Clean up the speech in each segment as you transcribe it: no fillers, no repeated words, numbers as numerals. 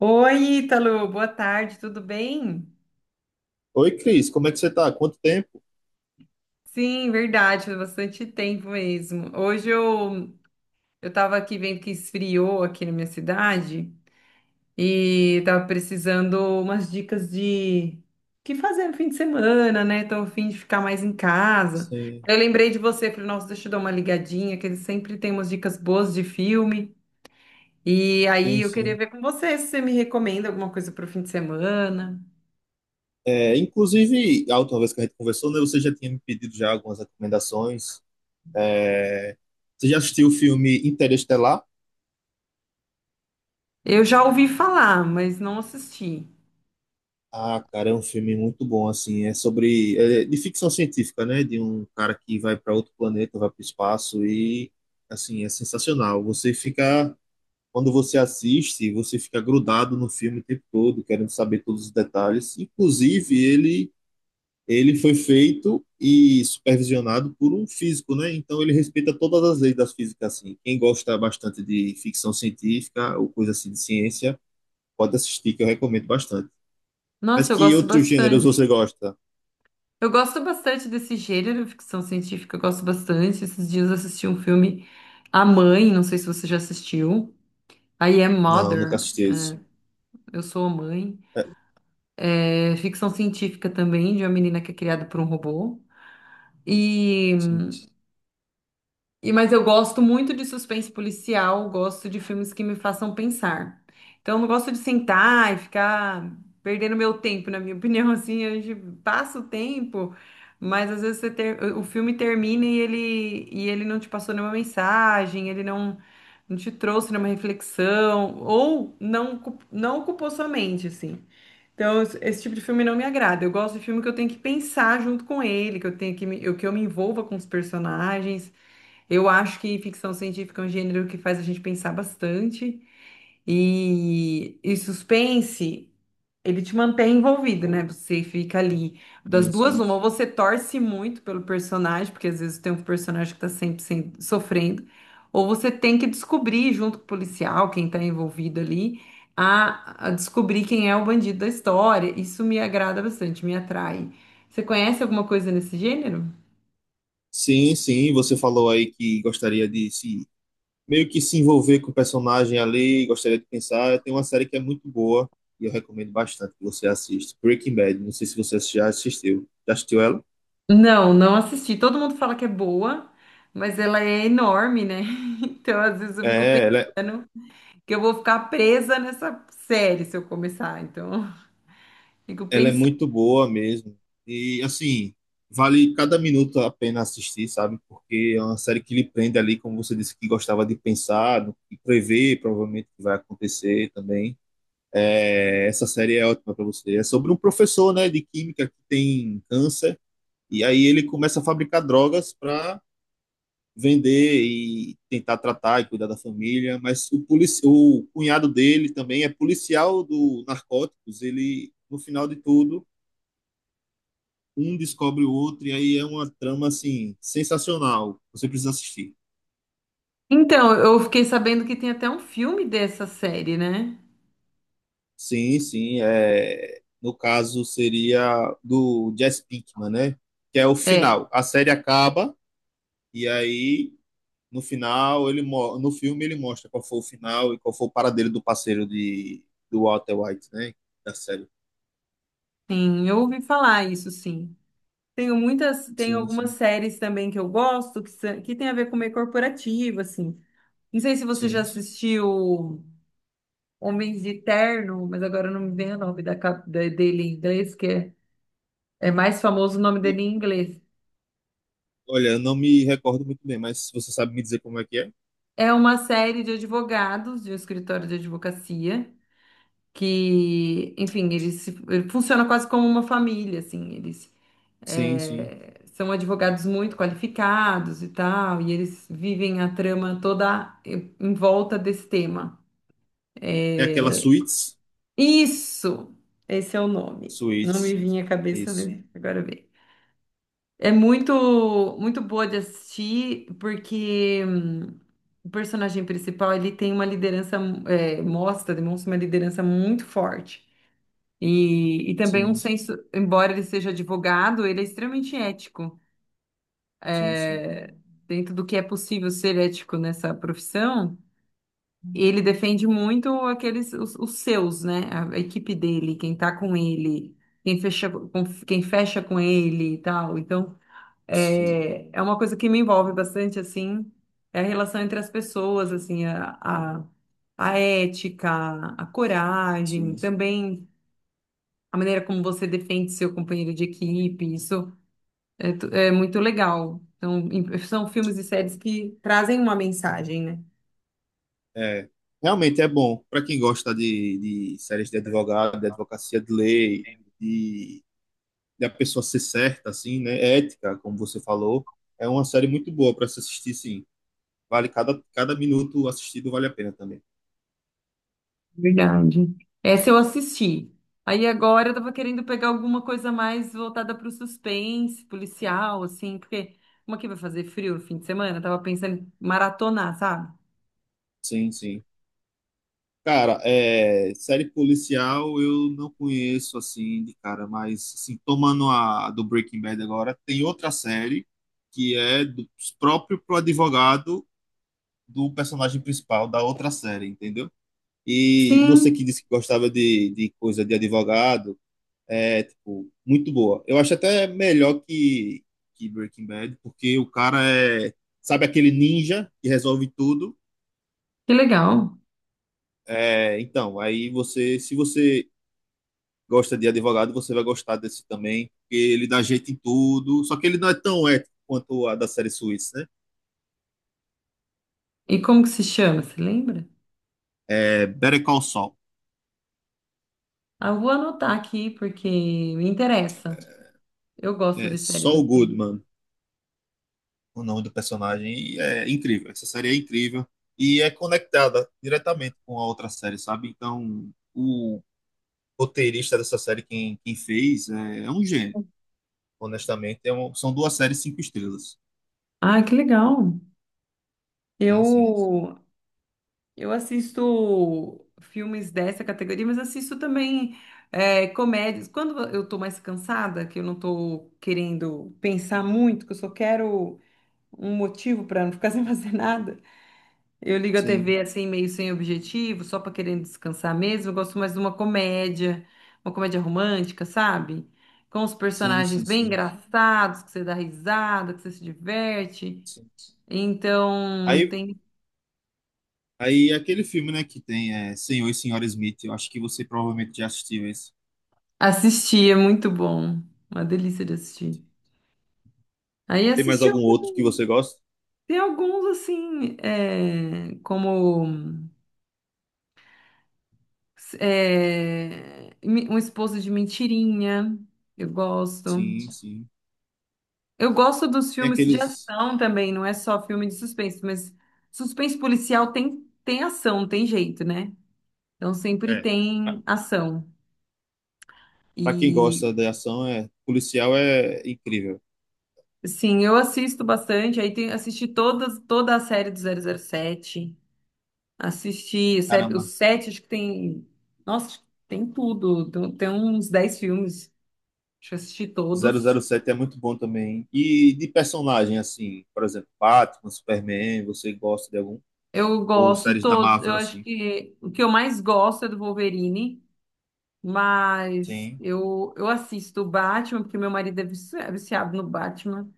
Oi, Ítalo, boa tarde, tudo bem? Oi, Cris, como é que você tá? Quanto tempo? Sim, verdade, faz bastante tempo mesmo. Hoje eu tava aqui vendo que esfriou aqui na minha cidade e tava precisando umas dicas de o que fazer no fim de semana, né? Tô a fim de ficar mais em casa. Sim, Eu lembrei de você, falei, nossa, deixa eu dar uma ligadinha, que ele sempre tem umas dicas boas de filme. E aí sim, eu queria sim. ver com você se você me recomenda alguma coisa pro fim de semana. É, inclusive, a última vez que a gente conversou, né, você já tinha me pedido já algumas recomendações. É, você já assistiu o filme Interestelar? Eu já ouvi falar, mas não assisti. Ah, cara, é um filme muito bom, assim, é de ficção científica, né, de um cara que vai para outro planeta, vai para o espaço e, assim, é sensacional. Quando você assiste, você fica grudado no filme o tempo todo, querendo saber todos os detalhes. Inclusive, ele foi feito e supervisionado por um físico, né? Então ele respeita todas as leis da física, assim. Quem gosta bastante de ficção científica ou coisa assim de ciência, pode assistir, que eu recomendo bastante. Mas Nossa, eu que gosto outros gêneros você bastante. gosta? Eu gosto bastante desse gênero, ficção científica, eu gosto bastante. Esses dias eu assisti um filme A Mãe, não sei se você já assistiu. I Am Não, nunca Mother, assisti isso. eu sou a mãe. É ficção científica também, de uma menina que é criada por um robô. E Sim, mas eu gosto muito de suspense policial, gosto de filmes que me façam pensar. Então, eu não gosto de sentar e ficar perdendo meu tempo, na minha opinião, assim, a gente passa o tempo, mas às vezes o filme termina e ele não te passou nenhuma mensagem, ele não, não te trouxe nenhuma reflexão, ou não, ocu- não ocupou sua mente, assim. Então, esse tipo de filme não me agrada. Eu gosto de filme que eu tenho que pensar junto com ele, que eu tenho que me, eu- que eu me envolva com os personagens. Eu acho que ficção científica é um gênero que faz a gente pensar bastante e suspense, ele te mantém envolvido, né? Você fica ali das sim, duas, sim. uma, ou você torce muito pelo personagem, porque às vezes tem um personagem que tá sofrendo, ou você tem que descobrir junto com o policial, quem tá envolvido ali, a descobrir quem é o bandido da história. Isso me agrada bastante, me atrai. Você conhece alguma coisa nesse gênero? Sim, sim, você falou aí que gostaria de se meio que se envolver com o personagem ali, gostaria de pensar. Tem uma série que é muito boa e eu recomendo bastante que você assista. Breaking Bad, não sei se você já assistiu. Já assistiu ela? Não, não assisti. Todo mundo fala que é boa, mas ela é enorme, né? Então, às vezes eu fico É, ela, pensando que eu vou ficar presa nessa série se eu começar. Então, fico Ela é pensando. muito boa mesmo. E, assim, vale cada minuto a pena assistir, sabe? Porque é uma série que lhe prende ali, como você disse, que gostava de pensar e prever, provavelmente, o que vai acontecer também. É, essa série é ótima para você. É sobre um professor, né, de química que tem câncer, e aí ele começa a fabricar drogas para vender e tentar tratar e cuidar da família, mas o cunhado dele também é policial do narcóticos, ele, no final de tudo, um descobre o outro, e aí é uma trama assim, sensacional. Você precisa assistir. Então, eu fiquei sabendo que tem até um filme dessa série, né? Sim, sim. É... No caso, seria do Jesse Pinkman, né? Que é o É, final. A série acaba, e aí no final no filme ele mostra qual foi o final e qual foi o paradeiro do parceiro de do Walter White, né? Da série. sim, eu ouvi falar isso, sim. Tenho muitas, tem Sim, algumas sim, séries também que eu gosto que tem a ver com meio corporativo, assim. Não sei se você já sim. assistiu Homens de Terno, mas agora não me vem o nome dele em inglês, que é. É mais famoso o nome O- dele em inglês. Olha, eu não me recordo muito bem, mas você sabe me dizer como é que é? É uma série de advogados, de um escritório de advocacia, que, enfim, eles se- ele funciona quase como uma família, assim. Eles Sim, sim. é, são advogados muito qualificados e tal, e eles vivem a trama toda em volta desse tema. É aquela É, Suits? isso! Esse é o nome. Não me Suits. vinha à cabeça Isso. mesmo. Agora vem. É muito, muito boa de assistir, porque o personagem principal, ele tem uma liderança, demonstra uma liderança muito forte. E também um Sim. senso, embora ele seja advogado, ele é extremamente ético. Sim, sim, Dentro do que é possível ser ético nessa profissão, ele defende muito os seus, né? A equipe dele, quem tá com ele, quem fecha com, quem fecha com ele e tal. Então, sim, é, é uma coisa que me envolve bastante, assim, é a relação entre as pessoas, assim, a ética, a coragem, sim. também a maneira como você defende seu companheiro de equipe, isso é muito legal. Então, são filmes e séries que trazem uma mensagem, né? É, realmente é bom para quem gosta de séries de advogado, de advocacia de lei, de, de a pessoa ser certa, assim, né? É Ética, como você falou. É uma série muito boa para se assistir, sim. Vale cada, cada minuto assistido vale a pena também. Verdade. Essa eu assisti. Aí agora eu tava querendo pegar alguma coisa mais voltada para o suspense, policial, assim, porque como aqui vai fazer frio no fim de semana, eu tava pensando em maratonar, sabe? Sim, sim. Cara, série policial eu não conheço assim de cara, mas assim, tomando a do Breaking Bad agora, tem outra série que é do próprio pro advogado do personagem principal da outra série, entendeu? E Sim. você que disse que gostava de coisa de advogado, é, tipo, muito boa. Eu acho até melhor que Breaking Bad, porque o cara é, sabe aquele ninja que resolve tudo? Que legal. É, então, aí se você gosta de advogado, você vai gostar desse também, porque ele dá jeito em tudo, só que ele não é tão ético quanto a da série suíça, né? E como que se chama, você lembra? É, Better Call Saul, Ah, eu vou anotar aqui porque me interessa. Eu gosto é de séries Saul assim. Goodman, o nome do personagem. E é incrível. Essa série é incrível. E é conectada diretamente com a outra série, sabe? Então, o roteirista dessa série, quem, quem fez, é, é um gênio. Honestamente, são duas séries cinco estrelas. Ah, que legal. Sim, sim. Eu Eu assisto filmes dessa categoria, mas assisto também comédias. Quando eu tô mais cansada, que eu não tô querendo pensar muito, que eu só quero um motivo para não ficar sem fazer nada, eu ligo a Sim, TV assim, meio sem objetivo, só para querendo descansar mesmo. Eu gosto mais de uma comédia romântica, sabe? Com os sim, personagens sim, bem sim. engraçados, que você dá risada, que você se diverte. Sim. Então, Aí, tem. aí aquele filme, né, que tem é, Senhor e Senhora Smith, eu acho que você provavelmente já assistiu esse. Assisti, é muito bom. Uma delícia de assistir. Aí Tem mais assisti algum outro que alguns. você gosta? Tem alguns, assim, Um Esposo de Mentirinha. Eu gosto. Sim, sim. Eu gosto dos Tem filmes de aqueles. ação também, não é só filme de suspense, mas suspense policial tem, tem ação, tem jeito, né? Então sempre É. Pra tem ação. pra quem E, gosta de ação, é policial é incrível. sim, eu assisto bastante. Aí tem, toda a série do zero zero sete. Os Caramba, sete, acho que tem. Nossa, tem tudo. Tem uns dez filmes. Acho que eu assisti zero zero todos. sete é muito bom também. Hein? E de personagem, assim, por exemplo, Batman, Superman, você gosta de algum? Eu Ou gosto de séries da todos. Eu Marvel, acho assim? que o que eu mais gosto é do Wolverine, mas Sim, eu assisto o Batman, porque meu marido é viciado no Batman.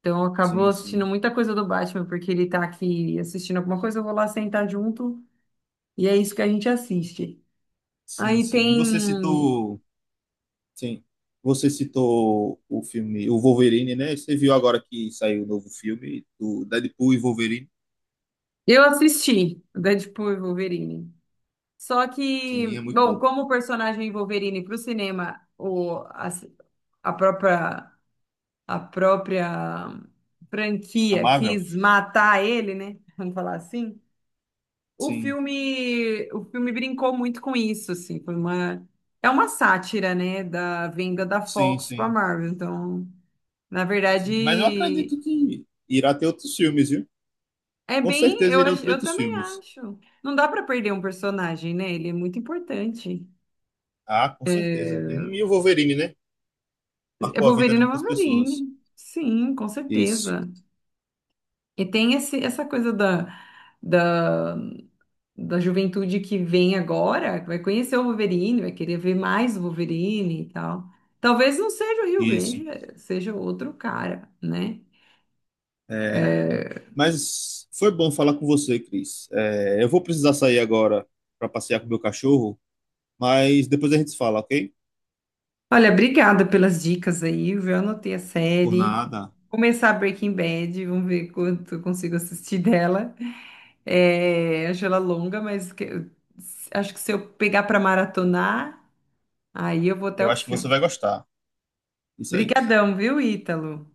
Então eu acabo sim, assistindo sim. muita coisa do Batman, porque ele tá aqui assistindo alguma coisa, eu vou lá sentar junto, e é isso que a gente assiste. Sim, Aí sim. E você tem. citou. Sim. Você citou o filme, o Wolverine, né? Você viu agora que saiu o novo filme do Deadpool e Wolverine? Eu assisti Deadpool e Wolverine. Só que, Sim, é muito bom, bom. como o personagem Wolverine para o cinema, o, a própria, a própria A franquia Marvel? quis matar ele, né? Vamos falar assim. Sim, O filme brincou muito com isso, assim, é uma sátira, né, da venda da sim, Fox para sim, Marvel. Então, na sim. Mas eu verdade, acredito que irá ter outros filmes, viu? Com certeza irão ter eu outros também filmes. acho. Não dá para perder um personagem, né? Ele é muito importante. Ah, com certeza. E o Wolverine, né? É Marcou a vida de Wolverine, é muitas pessoas. Wolverine. Sim, com Isso, certeza. E tem esse, essa coisa da, da juventude que vem agora, que vai conhecer o Wolverine, vai querer ver mais o Wolverine e tal. Talvez não seja o Rio isso. Grande, é, seja outro cara, né? É. Mas foi bom falar com você, Cris. É, eu vou precisar sair agora para passear com o meu cachorro, mas depois a gente se fala, ok? Olha, obrigada pelas dicas aí, viu? Eu anotei a Por série. nada. Começar Breaking Bad, vamos ver quanto eu consigo assistir dela. É, acho ela longa, acho que se eu pegar para maratonar. Aí eu vou até Eu o acho que você fim. vai gostar. Isso aí. Brigadão, viu, Ítalo?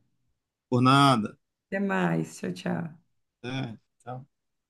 Por nada. Até mais. Tchau, tchau. É, tchau.